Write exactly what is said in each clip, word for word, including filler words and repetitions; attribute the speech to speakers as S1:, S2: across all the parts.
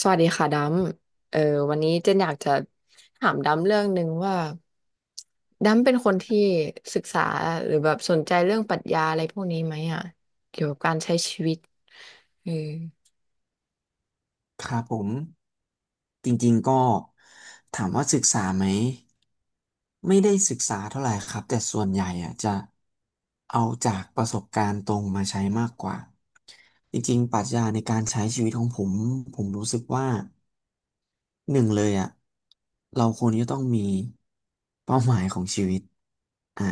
S1: สวัสดีค่ะดำเออวันนี้เจนอยากจะถามดำเรื่องหนึ่งว่าดำเป็นคนที่ศึกษาหรือแบบสนใจเรื่องปรัชญาอะไรพวกนี้ไหมอ่ะเอ
S2: ครับผมจริงๆก็ถามว่าศึกษาไหมไม่ได้ศึกษาเท่าไหร่ครับแต่ส่วนใหญ่อะจะเอาจากประสบการณ์ตรงมาใช้มากกว่าจริงๆปรัชญาในการใช้ชีวิตของผมผมรู้สึกว่าหนึ่งเลยอะเราควรจะต้องมีเป้าหมายของชีวิตอ่ะ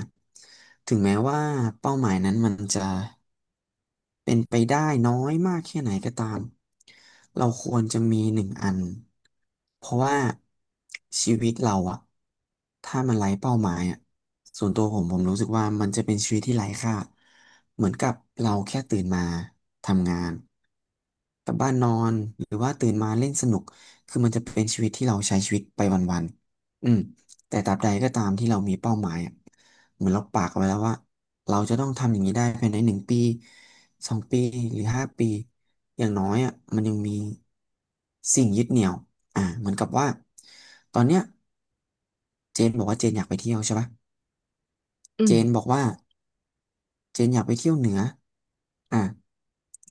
S2: ถึงแม้ว่าเป้าหมายนั้นมันจะ เป็นไปได้น้อยมากแค่ไหนก็ตามเราควรจะมีหนึ่งอันเพราะว่าชีวิตเราอะถ้ามันไร้เป้าหมายอะส่วนตัวผมผมรู้สึกว่ามันจะเป็นชีวิตที่ไร้ค่าเหมือนกับเราแค่ตื่นมาทำงานกลับบ้านนอนหรือว่าตื่นมาเล่นสนุกคือมันจะเป็นชีวิตที่เราใช้ชีวิตไปวันๆอืม แต่ตราบใดก็ตามที่เรามีเป้าหมายอะเหมือนเราปากเอาไว้แล้วว่าเราจะต้องทำอย่างนี้ได้ภายในหนึ่งปีสองปีหรือห้าปีอย่างน้อยอ่ะมันยังมีสิ่งยึดเหนี่ยวอ่าเหมือนกับว่าตอนเนี้ยเจนบอกว่าเจนอยากไปเที่ยวใช่ปะเจน
S1: อ
S2: บอกว่า เจนอยากไปเที่ยวเหนืออ่ะ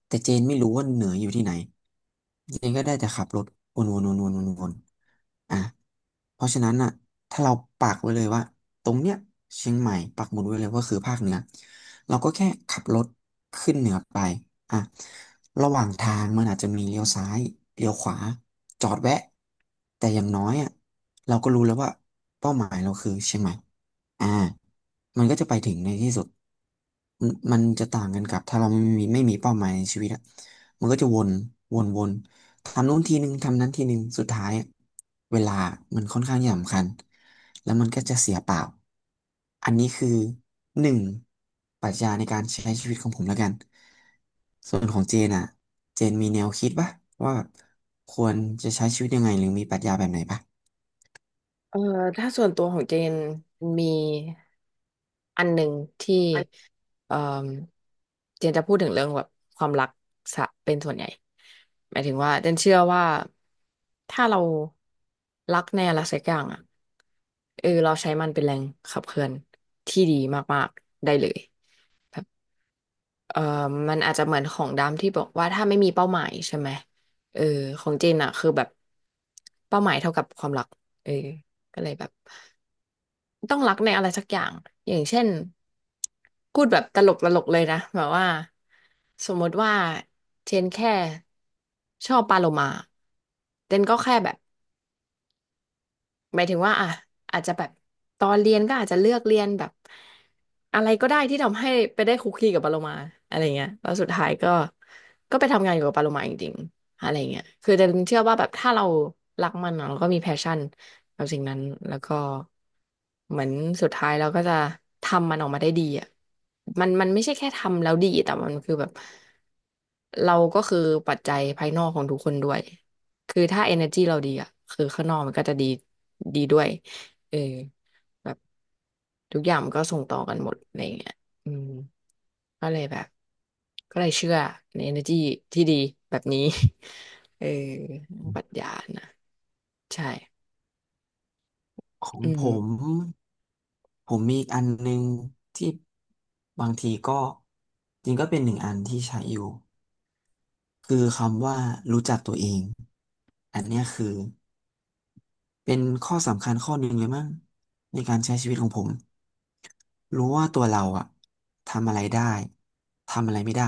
S2: แต่เจนไม่รู้ว่าเหนืออยู่ที่ไหนเจนก็ได้แต่ขับรถวนวนวนวนวนวนอ่ะเพราะฉะนั้นอ่ะถ้าเราปักไว้เลยว่าตรงเนี้ยเชียงใหม่ปักหมุดไว้เลยว่าคือภาคเหนือเราก็แค่ขับรถขึ้นเหนือไปอ่ะระหว่างทางมันอาจจะมีเลี้ยวซ้ายเลี้ยวขวาจอดแวะแต่อย่างน้อยอ่ะเราก็รู้แล้วว่าเป้าหมายเราคือเชียงใหม่ อ่ามันก็จะไปถึงในที่สุดมันมันจะต่างกันกับถ้าเราไม่มีไม่มีเป้าหมายในชีวิตอะมันก็จะวนวนวนทำนู้นทีนึงทำนั้นทีนึงสุดท้ายอะเวลามันค่อนข้างสำคัญแล้วมันก็จะเสียเปล่า อันนี้คือหนึ่งปรัชญาในการใช้ชีวิตของผมแล้วกัน ส่วนของเจนอะเจนมีแนวคิดปะว่าแบบควรจะใช้ชีวิตยังไงหรือมีปรัชญาแบบไหนปะ
S1: เออถ้าส่วนตัวของเจนมีอันหนึ่งที่เออเจนจะพูดถึงเรื่องแบบความรักสะเป็นส่วนใหญ่หมายถึงว่าเจนเชื่อว่าถ้าเรารักในอะไรสักอย่างอ่ะเออเราใช้มันเป็นแรงขับเคลื่อนที่ดีมากๆได้เลยเออมันอาจจะเหมือนของดำที่บอกว่าถ้าไม่มีเป้าหมายใช่ไหมเออของเจนอ่ะคือแบบเป้าหมายเท่ากับความรักเออก็เลยแบบ ต้องรักในอะไรสักอย่าง อย่างเช่นพูดแบบตลกตลกเลยนะ แบบว่าสมมติว่าเชนแค่ชอบปลาโลมาเจนก็แค่แบบ หมายถึงว่าอ่ะอาจจะแบบตอนเรียนก็อาจจะเลือกเรียนแบบอะไรก็ได้ที่ทำให้ไปได้คุกคีกับปาโลมาอะไรเงี้ยแล้วสุดท้ายก็ก็ไปทำงานอยู่กับปาโลมาจริงๆอะไรเงี้ยคือแต่เชื่อว่าแบบถ้าเรารักมันอะเราก็มีแพชชั่นกับสิ่งนั้นแล้วก็เหมือนสุดท้ายเราก็จะทำมันออกมาได้ดีอ่ะมันมันไม่ใช่แค่ทำแล้วดีแต่มันคือแบบเราก็คือปัจจัยภายนอกของทุกคนด้วย คือถ้า เอเนอร์จี้ เราดีอ่ะคือข้างนอกมันก็จะดีดีด้วยเออแบบทุกอย่างมันก็ส่งต่อกันหมดอะไรอย่างเงี้ยอืมก็เลยแบบก็เลยเชื่อใน energy ที่ดีแบบนี้ เออปรัชญานะใช่
S2: ของ
S1: อื
S2: ผ
S1: ม
S2: มผมมีอีกอันหนึ่งที่บางทีก็จริงก็เป็นหนึ่งอันที่ใช้อยู่คือคำว่ารู้จักตัวเองอันเนี้ยคือ เป็นข้อสำคัญข้อหนึ่งเลยมั้งในการใช้ชีวิตของผมรู้ว่าตัวเราอะทำอะไรได้ทำอะไรไม่ได้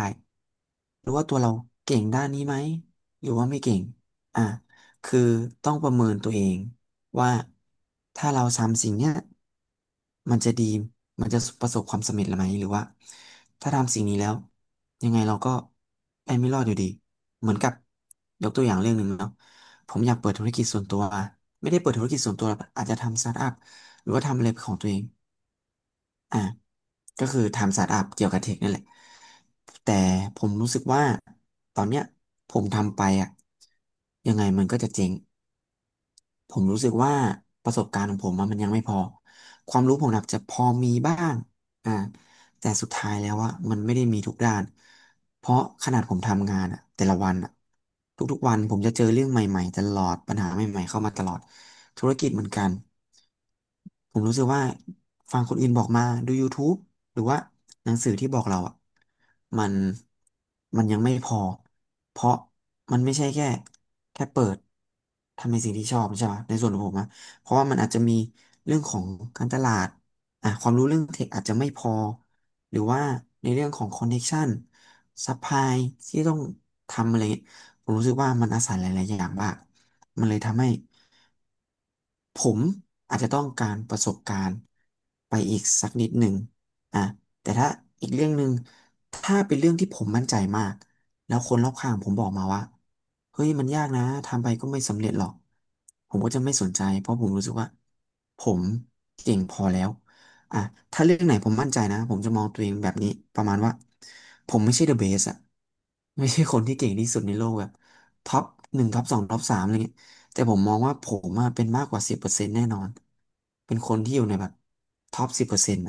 S2: รู้ว่าตัวเราเก่งด้านนี้ไหมหรือว่าไม่เก่งอ่ะคือต้องประเมินตัวเองว่าถ้าเราทำสิ่งเนี้ยมันจะดีมันจะประสบความสำเร็จหรือไม่หรือว่าถ้าทำสิ่งนี้แล้วยังไงเราก็ไปไม่รอดอยู่ดีเหมือนกับยกตัวอย่างเรื่องหนึ่งเนาะ ผมอยากเปิดธุรกิจส่วนตัวไม่ได้เปิดธุรกิจส่วนตัวหรอกอาจจะทำสตาร์ทอัพหรือว่าทำอะไรของตัวเองอ่าก็คือทำสตาร์ทอัพเกี่ยวกับเทคนั่นแหละแต่ผมรู้สึกว่าตอนเนี้ยผมทำไปอ่ะยังไงมันก็จะเจ๊ง ผมรู้สึกว่าประสบการณ์ของผมอะมันยังไม่พอความรู้ผมอาจจะพอมีบ้างอ่าแต่สุดท้ายแล้วว่ามันไม่ได้มีทุกด้านเพราะขนาดผมทำงานอะแต่ละวันอะทุกๆวันผมจะเจอเรื่องใหม่ๆตลอดปัญหาใหม่ๆเข้ามาตลอดธุรกิจเหมือนกันผมรู้สึกว่าฟังคนอื่นบอกมาดู YouTube หรือว่าหนังสือที่บอกเราอ่ะมันมันยังไม่พอเพราะมันไม่ใช่แค่แค่เปิดทำในสิ่งที่ชอบใช่ไหมในส่วนของผมนะเพราะว่ามันอาจจะมีเรื่องของการตลาดอ่ะความรู้เรื่องเทคอาจจะไม่พอหรือว่าในเรื่องของคอนเน c t ชันซัพพลายที่ต้องทำอะไรเงี้ยผมรู้สึกว่ามันอาศัยหลายๆอย่างมากมันเลยทำให้ ผมอาจจะต้องการประสบการณ์ไปอีกสักนิดหนึ่งอ่ะแต่ถ้าอีกเรื่องหนึ่งถ้าเป็นเรื่องที่ผมมั่นใจมากแล้วคนรอบข้างผมบอกมาว่า เฮ้ย มันยากนะ ทำไปก็ไม่สำเร็จหรอก ผมก็จะไม่สนใจ เพราะผมรู้สึกว่าผมเก่งพอแล้วอ่ะถ้าเรื่องไหนผมมั่นใจนะผมจะมองตัวเองแบบนี้ ประมาณว่า ผมไม่ใช่เดอะเบสอะไม่ใช่คนที่เก่งที่สุดในโลกแบบท็อปหนึ่งท็อปสองท็อปสามอะไรเงี้ย แต่ผมมองว่าผมอะเป็นมากกว่าสิบเปอร์เซ็นต์แน่นอน เป็นคนที่อยู่ในแบบท็อปสิบเปอร์เซ็นต์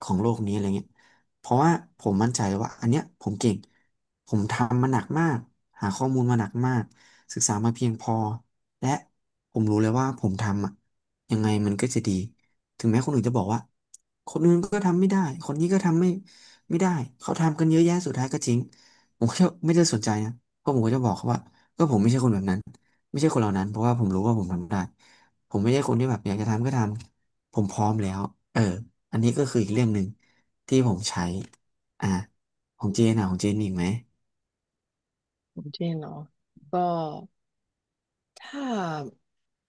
S2: ของโลกนี้อะไรเงี้ยเพราะว่าผมมั่นใจเลยว่าอันเนี้ยผมเก่งผมทำมาหนักมากหาข้อมูลมาหนักมากศึกษามาเพียงพอและผมรู้เลยว่าผมทำอะยังไงมันก็จะดีถึงแม้คนอื่นจะบอกว่าคนอื่นก็ทำไม่ได้คนนี้ก็ทำไม่ไม่ได้เขาทำกันเยอะแยะสุดท้ายก็จริงผมก็ไม่ได้สนใจนะเพราะผมก็จะบอกเขาว่าก็ผมไม่ใช่คนแบบนั้น ไม่ใช่คนเหล่านั้นเพราะว่าผมรู้ว่าผมทำได้ผมไม่ใช่คนที่แบบอยากจะทำก็ทำผมพร้อมแล้วเอออันนี้ก็คืออีกเรื่องหนึ่งที่ผมใช้อ่ะของเจนอ่ะของเจนมีอีกไหม
S1: ผมเช่นเนาะก็ถ้า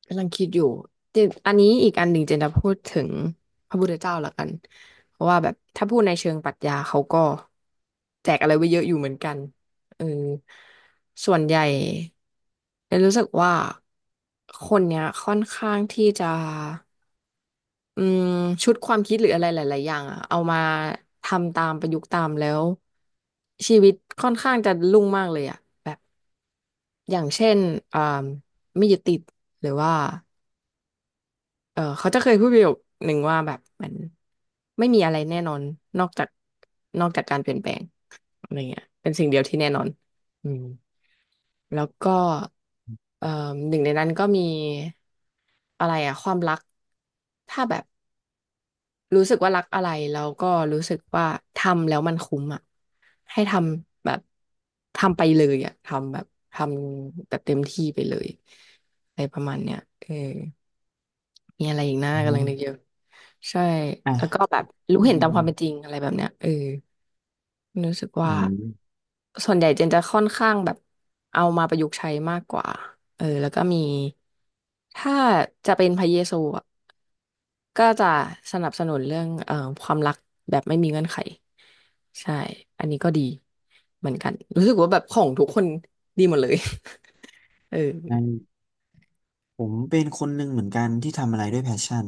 S1: กำลังคิดอยู่เจนอันนี้อีกอันหนึ่งเจนจะพูดถึงพระพุทธเจ้าละกันเพราะว่าแบบถ้าพูดในเชิงปรัชญาเขาก็แจกอะไรไว้เยอะอยู่เหมือนกันเออส่วนใหญ่เจนรู้สึกว่าคนเนี้ยค่อนข้างที่จะอืมชุดความคิดหรืออะไรหลายๆอย่างอะเอามาทำตามประยุกต์ตามแล้วชีวิตค่อนข้างจะรุ่งมากเลยอะแบบอย่างเช่นอ่าไม่ยึดติดหรือว่า เออเขาจะเคยพูดประโยคหนึ่งว่าแบบมันไม่มีอะไรแน่นอนนอกจากนอกจากการเปลี่ยนแปลงอะไรเงี้ยเป็นสิ่งเดียวที่แน่นอนอืมแล้วก็เอ่อหนึ่งในนั้นก็มีอะไรอะความรักถ้าแบบรู้สึกว่ารักอะไรแล้วก็รู้สึกว่าทำแล้วมันคุ้มอะให้ทำแบบทำไปเลยอะทำแบบทำแบบเต็มที่ไปเลยอะไรประมาณเนี้ยเออ มีอะไรอีกนะ
S2: อื
S1: กำลังนึกอ
S2: ม
S1: ยู่ใช่
S2: อ่ะ
S1: แล้วก็แบบรู้
S2: อื
S1: เห็นตา
S2: ม
S1: มความเป็นจริงอะไรแบบเนี้ยเออรู้สึก
S2: อื
S1: ว่า
S2: ม
S1: ส่วนใหญ่เจนจะค่อนข้างแบบเอามาประยุกต์ใช้มากกว่าเออแล้วก็มีถ้าจะเป็นพระเยซูอะก็จะสนับสนุนเรื่องเอ่อความรักแบบไม่มีเงื่อนไขใช่อันนี้ก็ดีเหมือนกันรู้สึกว่าแบบของทุกคนดีหมดเลย เออ
S2: งั้นผมเป็นคนหนึ่งเหมือนกันที่ทำอะไรด้วยแพชชั่น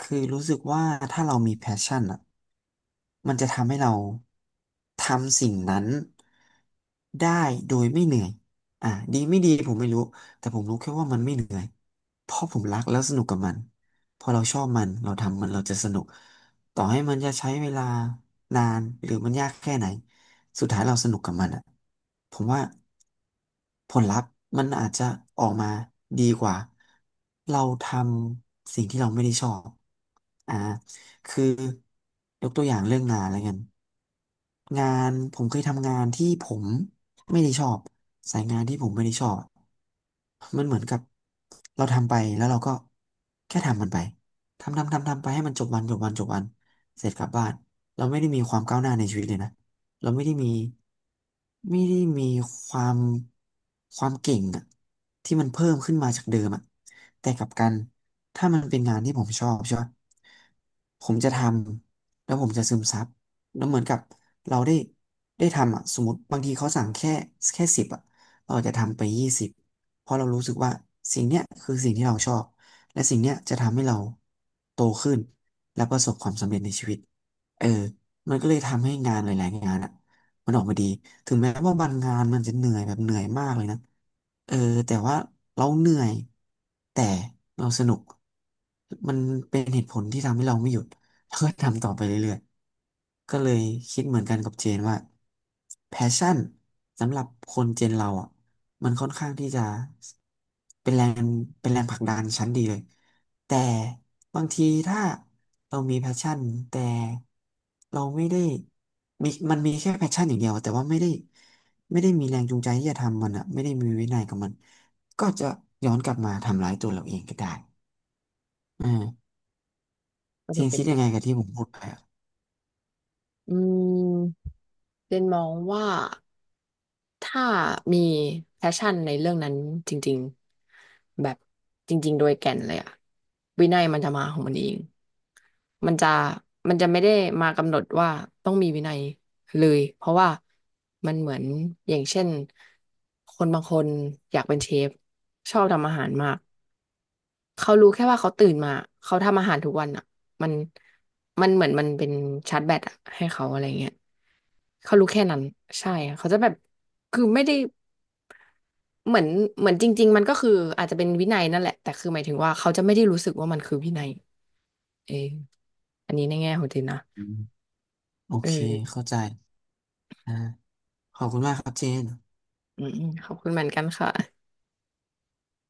S2: คือรู้สึกว่าถ้าเรามีแพชชั่นอ่ะ มันจะทำให้เราทำสิ่งนั้นได้โดยไม่เหนื่อยอ่ะดีไม่ดีผมไม่รู้แต่ผมรู้แค่ว่ามันไม่เหนื่อยเพราะผมรักแล้วสนุกกับมันพอเราชอบมันเราทำมันเราจะสนุกต่อให้มันจะใช้เวลานานหรือมันยากแค่ไหนสุดท้ายเราสนุกกับมันอ่ะผมว่าผลลัพธ์มันอาจจะออกมาดีกว่าเราทำสิ่งที่เราไม่ได้ชอบอ่า คือยกตัวอย่างเรื่องงานแล้วกันงานผมเคยทำงานที่ผมไม่ได้ชอบสายงานที่ผมไม่ได้ชอบมันเหมือนกับเราทำไปแล้วเราก็แค่ทำมันไปทำทำทำทำไปให้มันจบวันจบวันจบวันเสร็จกลับบ้านเราไม่ได้มีความก้าวหน้าในชีวิตเลยนะเราไม่ได้มีไม่ได้มีความความเก่งอะที่มันเพิ่มขึ้นมาจากเดิมอะ แต่กลับกันถ้ามันเป็นงานที่ผมชอบใช่ปะผมจะทำแล้วผมจะซึมซับแล้วเหมือนกับเราได้ได้ทำอ่ะสมมติบางทีเขาสั่งแค่แค่สิบอ่ะเราอาจจะทำไปยี่สิบเพราะเรารู้สึกว่าสิ่งเนี้ยคือสิ่งที่เราชอบและสิ่งเนี้ยจะทำให้เราโตขึ้นและประสบความสำเร็จในชีวิตเออมันก็เลยทำให้งานหลายๆงานอะ มันออกมาดีถึงแม้ว่าบางงานมันจะเหนื่อยแบบเหนื่อยมากเลยนะเออแต่ว่าเราเหนื่อยแต่เราสนุกมันเป็นเหตุผลที่ทำให้เราไม่หยุดแล้วก็ทำต่อไปเรื่อยๆก็เลยคิดเหมือนกันกับเจนว่าแพชชั่นสำหรับคนเจนเราอ่ะมันค่อนข้างที่จะเป็นแรงเป็นแรงผลักดันชั้นดีเลยแต่บางทีถ้าเรามีแพชชั่นแต่เราไม่ได้ มีมันมีแค่แพชชั่นอย่างเดียวแต่ว่าไม่ได้ไม่ได้มีแรงจูงใจที่จะทำมันอะไม่ได้มีวินัยกับมันก็จะย้อนกลับมาทำร้ายตัวเราเองก็ได้อ่า
S1: ก็
S2: เจ
S1: จะ
S2: น
S1: เป็น
S2: คิด
S1: แบ
S2: ยังไง
S1: บ
S2: กับที่ผมพูดไปอะ
S1: อืมเจนมองว่า ถ้ามีแพชชั่นในเรื่องนั้นจริงๆแบบจริงๆโดยแก่นเลยอะวินัยมันจะมาของมันเองมันจะมันจะไม่ได้มากำหนดว่าต้องมีวินัยเลยเพราะว่ามันเหมือนอย่างเช่นคนบางคนอยากเป็นเชฟชอบทำอาหารมากเขารู้แค่ว่าเขาตื่นมาเขาทำอาหารทุกวันอะมันมันเหมือนมันเป็นชาร์จแบตอะให้เขาอะไรเงี้ยเขารู้แค่นั้นใช่เขาจะแบบคือไม่ได้ เหมือนเหมือนจริงๆมันก็คืออาจจะเป็นวินัยนั่นแหละแต่คือหมายถึงว่าเขาจะไม่ได้รู้สึกว่ามันคือวินัยเอออันนี้ในแง่ของเจนนะ
S2: อืมโอเค
S1: เออ
S2: เข้าใจอ่าขอบคุณมากครับเจน
S1: อืมๆขอบคุณเหมือนกันค่ะ